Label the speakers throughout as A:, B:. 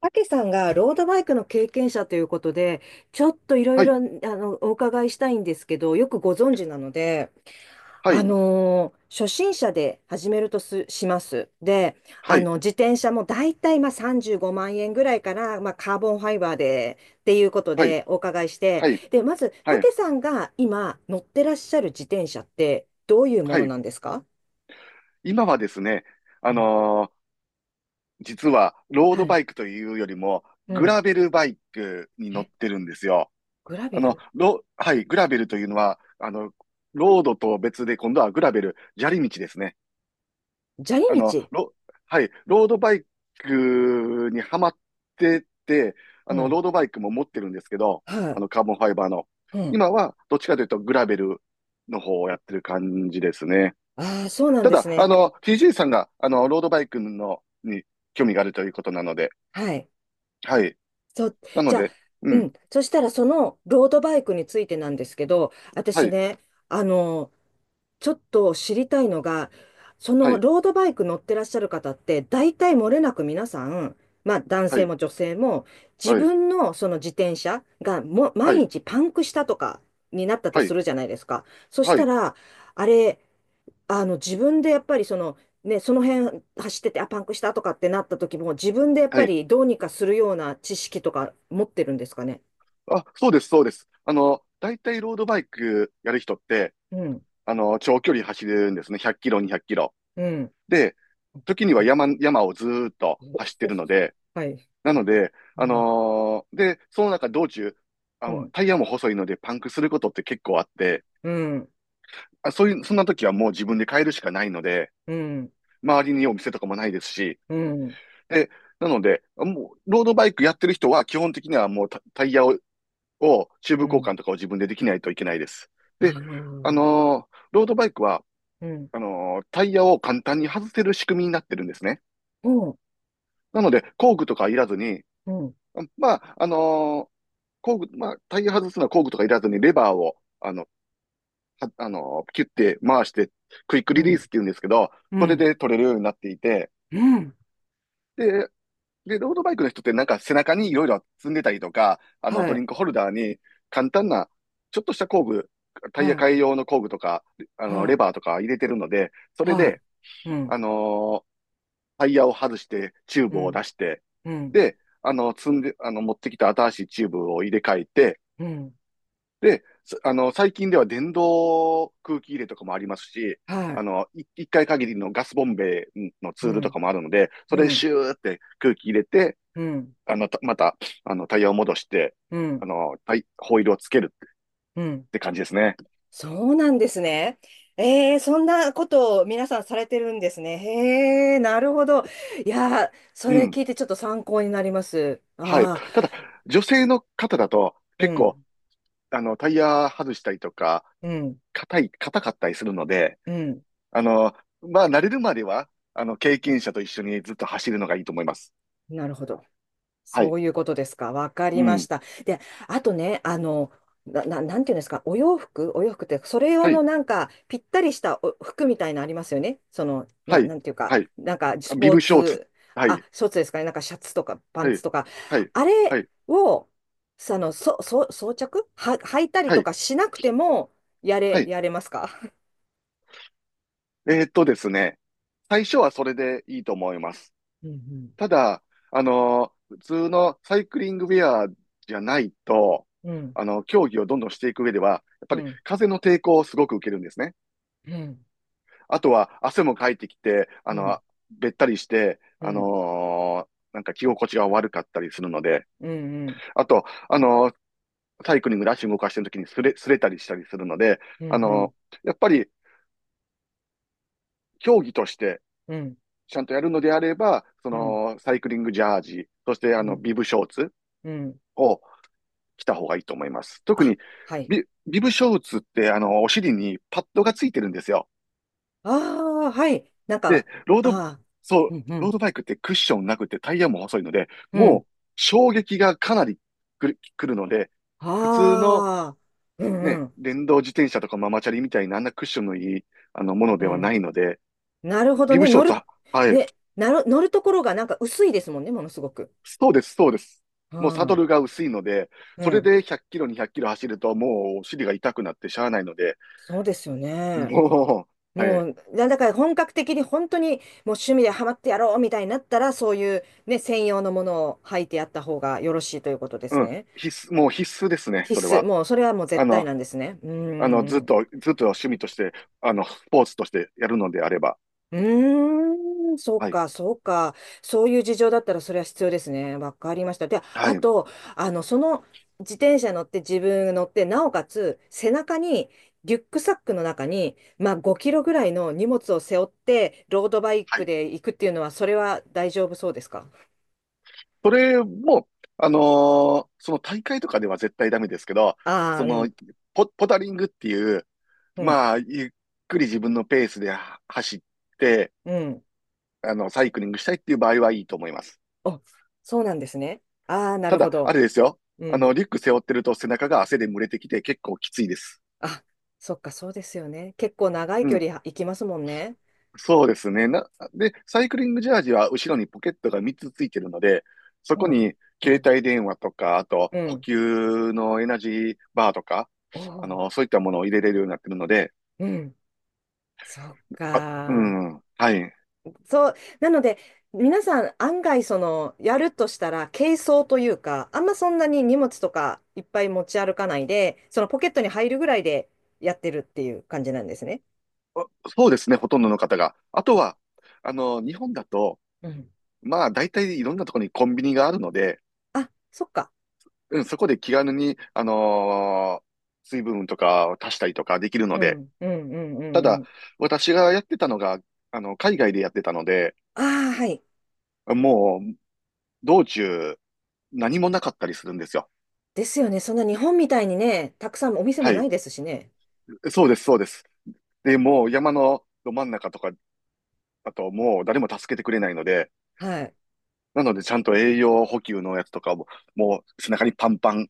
A: たけさんがロードバイクの経験者ということで、ちょっといろ
B: は
A: い
B: い、
A: ろお伺いしたいんですけど、よくご存知なので、
B: はい、
A: 初心者で始めるとします。で、
B: はい、
A: 自転車もだいたいまあ35万円ぐらいから、まあ、カーボンファイバーでっていうこと
B: はい、
A: でお伺いして、
B: はい、
A: で、まず、
B: は
A: た
B: い、
A: けさんが今乗ってらっしゃる自転車ってどういうも
B: は
A: の
B: い。
A: なんですか？
B: 今はですね、
A: う
B: あ
A: ん、
B: のー実は、ロー
A: は
B: ド
A: い。
B: バイクというよりも、
A: う
B: グ
A: ん。
B: ラベルバイクに
A: え、
B: 乗ってるんですよ。
A: グラベル。
B: はい、グラベルというのは、ロードと別で、今度はグラベル、砂利道ですね。
A: 砂
B: あ
A: 利
B: の、
A: 道。
B: ロ、はい、ロードバイクにハマってて、あ
A: う
B: の、ロ
A: ん。
B: ードバイクも持ってるんですけど、
A: は
B: あ
A: い。
B: の、カーボンファイバーの。
A: うん。
B: 今は、どっちかというと、グラベルの方をやってる感じですね。
A: ああ、そうなん
B: た
A: です
B: だ、あ
A: ね。
B: の、TJ さんが、ロードバイクの、に興味があるということなので、
A: はい。
B: はい。
A: そう、
B: なの
A: じゃあ、
B: で、う
A: う
B: ん。
A: ん。そしたら、そのロードバイクについてなんですけど、
B: は
A: 私
B: い、
A: ね、あの、ちょっと知りたいのが、そ
B: は
A: の
B: い、
A: ロードバイク乗ってらっしゃる方って、大体漏れなく皆さん、まあ男
B: は
A: 性
B: い、
A: も女性も、自
B: はい、
A: 分のその自転車がもう
B: は
A: 毎
B: い、
A: 日パンクしたとかになったと
B: は
A: す
B: い、
A: るじゃないですか。そし
B: は
A: た
B: い、
A: ら、あれ、自分でやっぱりその、ね、その辺走ってて、あ、パンクしたとかってなった時も、自分でやっ
B: は
A: ぱ
B: い。
A: りどうにかするような知識とか持ってるんですかね？
B: あ、そうです、そうです。あの、大体ロードバイクやる人って、
A: うん、
B: あの、長距離走るんですね。100キロ、200キロ。
A: うん。
B: で、時には山をずーっと走っ
A: お
B: て
A: お。
B: るので、
A: はい。
B: なので、
A: うん、
B: で、その中道中、あ
A: う
B: の、
A: ん、
B: タイヤも細いのでパンクすることって結構あって、
A: うん、
B: あ、そういう、そんな時はもう自分で買えるしかないので、
A: うん、
B: 周りにお店とかもないですし、
A: うん、
B: で、なので、もう、ロードバイクやってる人は基本的にはもうタイヤをチューブ
A: う
B: 交換
A: ん。
B: とかを自分でできないといけないです。で、
A: ああ、
B: ロードバイクは、
A: うん、
B: タイヤを簡単に外せる仕組みになってるんですね。
A: うん、
B: なので、工具とかいらずに、
A: うん、
B: まあ、あのー工具、まあ、タイヤ外すのは工具とかいらずにレバーを、キュッて回して、クイック
A: う
B: リ
A: ん、
B: リースって言うんですけど、
A: うん、う
B: それ
A: ん、
B: で取れるようになっていて、
A: うん、
B: で、で、ロードバイクの人ってなんか背中にいろいろ積んでたりとか、あの、
A: は
B: ドリ
A: い、
B: ンクホルダーに簡単な、ちょっとした工具、タ
A: は
B: イヤ
A: い、
B: 替え用の工具とか、あ
A: は
B: の、レ
A: い、
B: バーとか入れてるので、それ
A: は
B: で、
A: い、う
B: あ
A: ん、
B: のータイヤを外して、チュー
A: う
B: ブを出
A: ん、
B: して、
A: うん、
B: で、あの、積んで、あの、持ってきた新しいチューブを入れ替えて、
A: うん、
B: で、あの、最近では電動空気入れとかもありますし、
A: は
B: あ
A: い、
B: の、一回限りのガスボンベのツ
A: う
B: ールと
A: ん、
B: かもあるので、そ
A: う
B: れで
A: ん、
B: シューって空気入れて、
A: うん、
B: あの、たまた、あの、タイヤを戻して、
A: うん、
B: ホイールをつける
A: うん、
B: って感じですね。
A: そうなんですね。えー、そんなことを皆さんされてるんですね。へえ、なるほど。いやー、そ
B: う
A: れ
B: ん。
A: 聞いてちょっと参考になります。
B: はい。
A: ああ、
B: ただ、女性の方だと、
A: う
B: 結構、
A: ん、
B: あの、タイヤ外したりとか、
A: うん、
B: 硬かったりするので、
A: うん。
B: あの、まあ、慣れるまでは、あの、経験者と一緒にずっと走るのがいいと思います。
A: なるほど。
B: は
A: そ
B: い。
A: ういうことですか。わか
B: う
A: りまし
B: ん。
A: た。で、あとね、なんていうんですか、お洋服、お洋服ってそれ用
B: は
A: の
B: い。
A: なんかぴったりした服みたいなありますよね。その
B: はい。
A: なんていうか、
B: はい。
A: なんかス
B: ビ
A: ポー
B: ブショーツ。
A: ツ。
B: は
A: あ、
B: い。
A: スポーツですかね。なんかシャツとかパン
B: は
A: ツ
B: い。
A: とか
B: はい。
A: あ
B: は
A: れ
B: い。
A: を、その装着は履いたり
B: は
A: と
B: い。
A: かしなくても
B: はい。
A: やれますか？
B: ですね。最初はそれでいいと思います。
A: うん、
B: ただ、普通のサイクリングウェアじゃないと、
A: うん、
B: あの、競技をどんどんしていく上では、やっ
A: う
B: ぱり
A: ん、
B: 風の抵抗をすごく受けるんですね。
A: うん、
B: あとは汗もかいてきて、あ
A: う
B: の、
A: ん、
B: べったりして、
A: うん、
B: なんか着心地が悪かったりするので、
A: うん、うん、
B: あと、サイクリングで足動かしてる時にすれたりしたりするので、
A: うん、
B: あ
A: う
B: の
A: ん、
B: やっぱり競技として
A: うん、
B: ちゃんとやるのであれば、その、サイクリングジャージ、そしてあ
A: う
B: の、
A: ん、
B: ビブショーツ
A: うん。
B: を来た方がいいと思います。特
A: あ、
B: に
A: はい。
B: ビブショーツって、あの、お尻にパッドがついてるんですよ。
A: ああ、はい。なん
B: で、
A: か、
B: ロード、
A: ああ、
B: そう、
A: うん、う
B: ロー
A: ん、
B: ドバイクってクッションなくてタイヤも細いので、
A: う
B: も
A: ん。
B: う衝撃がかなりくるので、普通の
A: ああ、うん、
B: ね、
A: うん、
B: 電動自転車とかママチャリみたいなあんなクッションのいい、あの、もの
A: う
B: ではな
A: ん。
B: いので、
A: なるほど
B: ビブ
A: ね。
B: ショーツは、はい、
A: ね、乗るところがなんか薄いですもんね、ものすごく。
B: そうです、そうです。
A: う
B: もうサド
A: ん、
B: ルが薄いので、
A: う
B: それ
A: ん。
B: で100キロ、200キロ走るともうお尻が痛くなってしゃあないので、
A: そうですよね。
B: もう、は
A: も
B: い、
A: う、だから本格的に本当にもう趣味でハマってやろうみたいになったら、そういうね、専用のものを履いてやった方がよろしいということで
B: う
A: す
B: ん。
A: ね。
B: 必須、もう必須ですね、
A: 必
B: それ
A: 須。
B: は。
A: もう、それはもう
B: あ
A: 絶対
B: の、
A: なんですね。うん、う
B: あの、
A: ん、うん。
B: ずっと趣味として、あの、スポーツとしてやるのであれば。
A: うーん、そう
B: はい。
A: か、そうか。そういう事情だったらそれは必要ですね。わかりました。で、
B: は
A: あ
B: い。
A: と、その自転車乗って自分乗って、なおかつ背中にリュックサックの中に、まあ、5キロぐらいの荷物を背負ってロードバイ
B: は
A: ク
B: い。
A: で行くっていうのは、それは大丈夫そうですか？
B: それも、その大会とかでは絶対ダメですけど、
A: あ
B: そ
A: あ
B: の、
A: ー、
B: ポタリングっていう、
A: うん、
B: まあ、ゆっくり自分のペースでは走って、
A: うん、うん。
B: あの、サイクリングしたいっていう場合はいいと思います。
A: お、そうなんですね。ああ、な
B: た
A: るほ
B: だ、あ
A: ど。
B: れですよ。
A: う
B: あの、
A: ん。
B: リュック背負ってると背中が汗で蒸れてきて結構きついです。
A: あ、そっか、そうですよね。結構長い
B: う
A: 距
B: ん。
A: 離行きますもんね。
B: そうですね。で、サイクリングジャージは後ろにポケットが3つついてるので、そ
A: う
B: こ
A: ん。
B: に
A: う
B: 携
A: ん。
B: 帯電話とか、あと
A: う
B: 補
A: ん。
B: 給のエナジーバーとか、
A: お
B: あ
A: ー。
B: の、そういったものを入れれるようになってるので、
A: うん、そっ
B: あ、う
A: か。
B: ん、はい。
A: そう、なので、皆さん案外その、やるとしたら、軽装というか、あんまそんなに荷物とかいっぱい持ち歩かないで、そのポケットに入るぐらいでやってるっていう感じなんですね。
B: あそうですね、ほとんどの方が。あとは、あの、日本だと、
A: うん。
B: まあ、大体いろんなところにコンビニがあるので、
A: あ、そっか。
B: うん、そこで気軽に、水分とかを足したりとかできるの
A: う
B: で、
A: ん、うん、うん、う
B: た
A: ん、う
B: だ、
A: ん。
B: 私がやってたのが、あの、海外でやってたので、
A: ああ、はい。
B: もう、道中、何もなかったりするんですよ。
A: ですよね。そんな日本みたいにね、たくさんお店
B: は
A: もな
B: い。
A: いですしね。
B: そうです、そうです。で、もう山のど真ん中とかだともう誰も助けてくれないので、
A: はい。
B: なのでちゃんと栄養補給のやつとかも、もう背中にパンパン、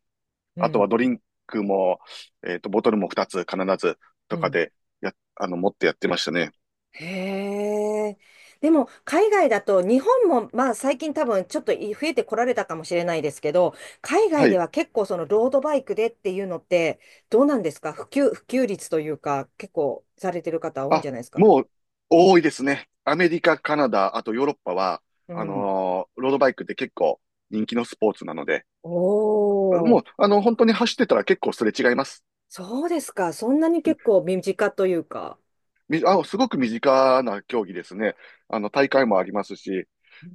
A: う
B: あとは
A: ん、
B: ドリンクも、ボトルも2つ必ず
A: う
B: とか
A: ん。
B: で、あの、持ってやってましたね。
A: へえ。でも、海外だと、日本も、まあ、最近多分、ちょっと増えてこられたかもしれないですけど、海
B: は
A: 外で
B: い。
A: は結構、その、ロードバイクでっていうのって、どうなんですか、普及率というか、結構、されてる方多いんじ
B: あ、
A: ゃないですか？
B: もう多いですね。アメリカ、カナダ、あとヨーロッパは、
A: うん。
B: ロードバイクって結構人気のスポーツなので、
A: おー、
B: もう、あの、本当に走ってたら結構すれ違います。
A: そうですか。そんなに
B: うん
A: 結構、身近というか。
B: すごく身近な競技ですね。あの、大会もありますし、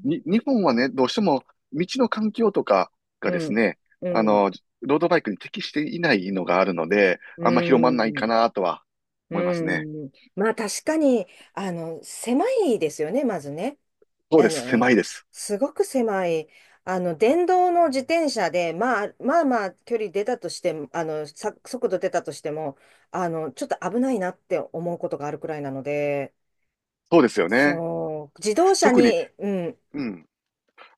B: 日本はね、どうしても道の環境とかが
A: う
B: です
A: ん、
B: ね、
A: う
B: あ
A: ん、
B: の、ロードバイクに適していないのがあるので、
A: う
B: あんま広まんないか
A: ん、
B: なとは思います
A: う
B: ね。
A: ん。まあ確かに、狭いですよね、まずね。
B: そう
A: あ
B: です。
A: の、
B: 狭いです。
A: すごく狭い、電動の自転車で、まあ、まあまあ、距離出たとしても、速度出たとしても、ちょっと危ないなって思うことがあるくらいなので、
B: そうですよね。
A: そう、自動車
B: 特に、
A: に、うん、
B: うん、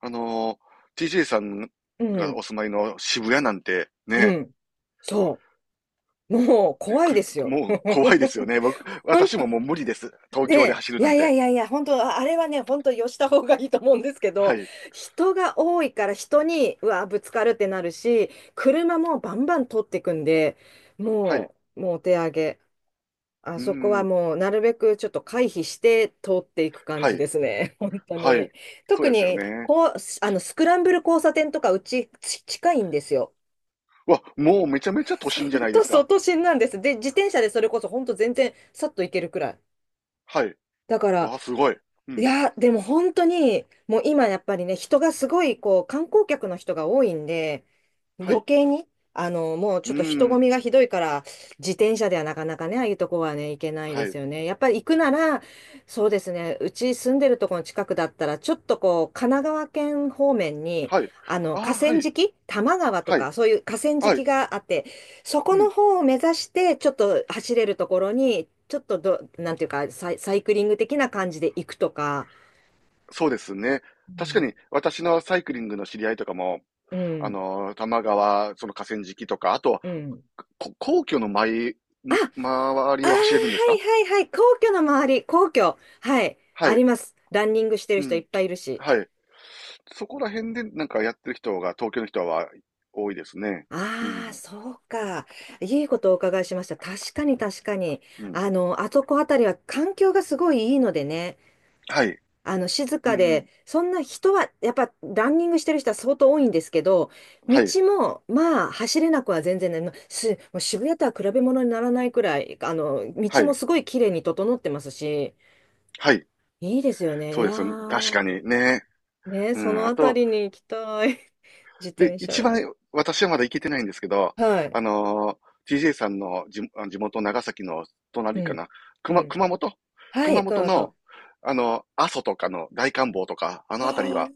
B: あのTJ さん
A: う
B: がお
A: ん、
B: 住まいの渋谷なんて
A: う
B: ね、
A: ん、そう、もう怖いですよ。
B: もう怖いですよね。
A: 本
B: 私ももう無理です。東
A: ね
B: 京で
A: え、
B: 走る
A: い
B: な
A: や
B: ん
A: いや
B: て。
A: いやいや、本当、あれはね、本当、よした方がいいと思うんですけ
B: は
A: ど、
B: い。
A: 人が多いから人に、うわ、ぶつかるってなるし、車もバンバン通っていくんで、
B: はい。う
A: もう、もうお手上げ。あ
B: ー
A: そこは
B: ん。
A: もう、なるべくちょっと回避して通っていく感
B: は
A: じ
B: い。
A: ですね、本当
B: はい。
A: に。
B: そう
A: 特
B: ですよ
A: に、
B: ね。
A: こう、スクランブル交差点とか、うち、近いんですよ。
B: わ、もうめちゃめちゃ都心じゃな
A: 本
B: いで
A: 当、
B: すか。
A: 外心なんです。で、自転車でそれこそ、本当、全然、さっと行けるくらい。
B: はい。
A: だから、
B: わ、すごい。う
A: い
B: ん。
A: や、でも本当に、もう今やっぱりね、人がすごい、こう、観光客の人が多いんで、
B: は
A: 余
B: い。
A: 計に、もう
B: う
A: ち
B: ー
A: ょっと人混
B: ん。
A: みがひどいから、自転車ではなかなかね、ああいうとこはね、行けないで
B: はい。
A: すよね。やっぱり行くなら、そうですね、うち住んでるとこの近くだったら、ちょっとこう、神奈川県方面に、
B: はい。あー
A: 河
B: は
A: 川
B: い。
A: 敷、多摩川と
B: はい。
A: か、そういう河川
B: は
A: 敷
B: い。
A: があって、そこ
B: う
A: の
B: ん。
A: 方を目指して、ちょっと走れるところに、ちょっとなんていうか、サイクリング的な感じで行くとか、
B: そうですね。
A: う
B: 確か
A: ん、
B: に、私のサイクリングの知り合いとかも、
A: うん、
B: 多摩川、その河川敷とか、あとは、
A: うん。
B: 皇居の前、
A: あ、
B: 周り
A: は
B: を走れるんですか。
A: い、はい、はい、皇居の周り、皇居、はい、
B: は
A: あり
B: い。
A: ます。ランニングしてる
B: う
A: 人い
B: ん。
A: っぱいいるし。
B: はい。そこら辺でなんかやってる人が、東京の人は多いですね。う
A: ああ、
B: ん。
A: そうか。いいことをお伺いしました。確かに、確かに。
B: うん。
A: あそこあたりは環境がすごいいいのでね。
B: はい。
A: 静
B: う
A: か
B: ん。
A: で、そんな人は、やっぱランニングしてる人は相当多いんですけど、
B: は
A: 道
B: い。
A: も、まあ、走れなくは全然ない。まあす、もう渋谷とは比べ物にならないくらい、
B: は
A: 道も
B: い。
A: すごい綺麗に整ってますし、
B: はい。
A: いいですよね。
B: そ
A: い
B: う
A: や
B: ですよね。確
A: ー、
B: かにね。
A: ね、
B: う
A: そ
B: ん。
A: の
B: あ
A: あた
B: と、
A: りに行きたい。自転
B: 一
A: 車。
B: 番私はまだ行けてないんですけど、
A: は
B: あ
A: い。
B: のTJ さんの地元長崎の
A: う
B: 隣か
A: ん。
B: な。
A: うん。
B: 熊本。
A: は
B: 熊
A: い、この
B: 本
A: 後。
B: の、あの、阿蘇とかの大観峰とか、あのあたり
A: はあ、
B: は、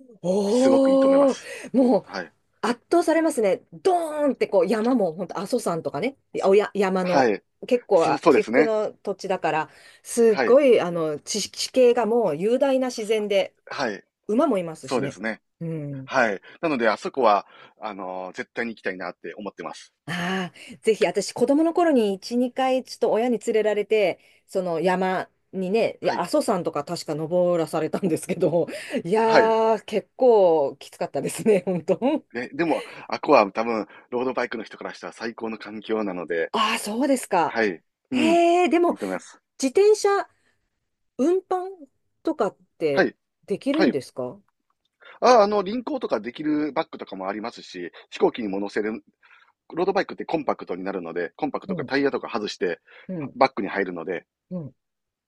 B: すごくいいと思いま
A: お
B: す。
A: ー、もう、
B: はい。
A: 圧倒されますね。ドーンってこう山も本当阿蘇山とかね、おや山
B: は
A: の
B: い。
A: 結構
B: そうで
A: 起
B: す
A: 伏
B: ね。
A: の土地だから、すっ
B: はい。
A: ごい地形がもう雄大な自然で、
B: はい。
A: 馬もいます
B: そう
A: し
B: で
A: ね。
B: すね。
A: うん。
B: はい。なので、あそこは、あの、絶対に行きたいなって思ってます。
A: ああ、ぜひ私子供の頃に1、2回ちょっと親に連れられて、その山にね、い
B: は
A: や
B: い。
A: 阿蘇山とか確か登らされたんですけど、い
B: はい。
A: やー、結構きつかったですね、本当。
B: ね、でも、あこは多分、ロードバイクの人からしたら最高の環境なので、
A: ああ、そうですか。
B: はい。うん。
A: へえ、でも
B: いいと思います。
A: 自転車運搬とかっ
B: は
A: て
B: い。
A: できる
B: は
A: ん
B: い。
A: ですか？
B: あ、あの、輪行とかできるバッグとかもありますし、飛行機にも乗せる、ロードバイクってコンパクトになるので、コンパク
A: う
B: トか
A: ん、
B: タイヤとか外して、
A: うん、
B: バッグに入るので、
A: うん。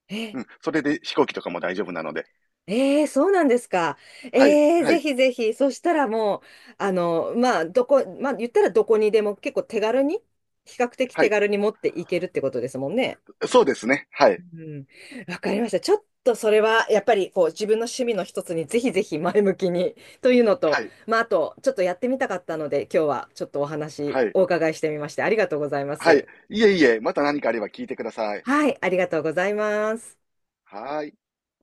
A: え、
B: うん。それで飛行機とかも大丈夫なので、
A: えー、そうなんですか。
B: はい。
A: えー、
B: は
A: ぜ
B: い。
A: ひぜひ。そしたらもう、まあ、まあ、言ったらどこにでも結構手軽に、比較的
B: は
A: 手
B: い。
A: 軽に持っていけるってことですもんね。
B: そうですね。は
A: う
B: い。
A: ん。わかりました。ちょっとそれは、やっぱり、こう、自分の趣味の一つにぜひぜひ前向きに、というのと、
B: はい。
A: まあ、あと、ちょっとやってみたかったので、今日はちょっと
B: はい。
A: お伺いしてみまして、ありがとうございま
B: はい。
A: す。
B: いえいえ、また何かあれば聞いてください。
A: はい、ありがとうございます。
B: はーい。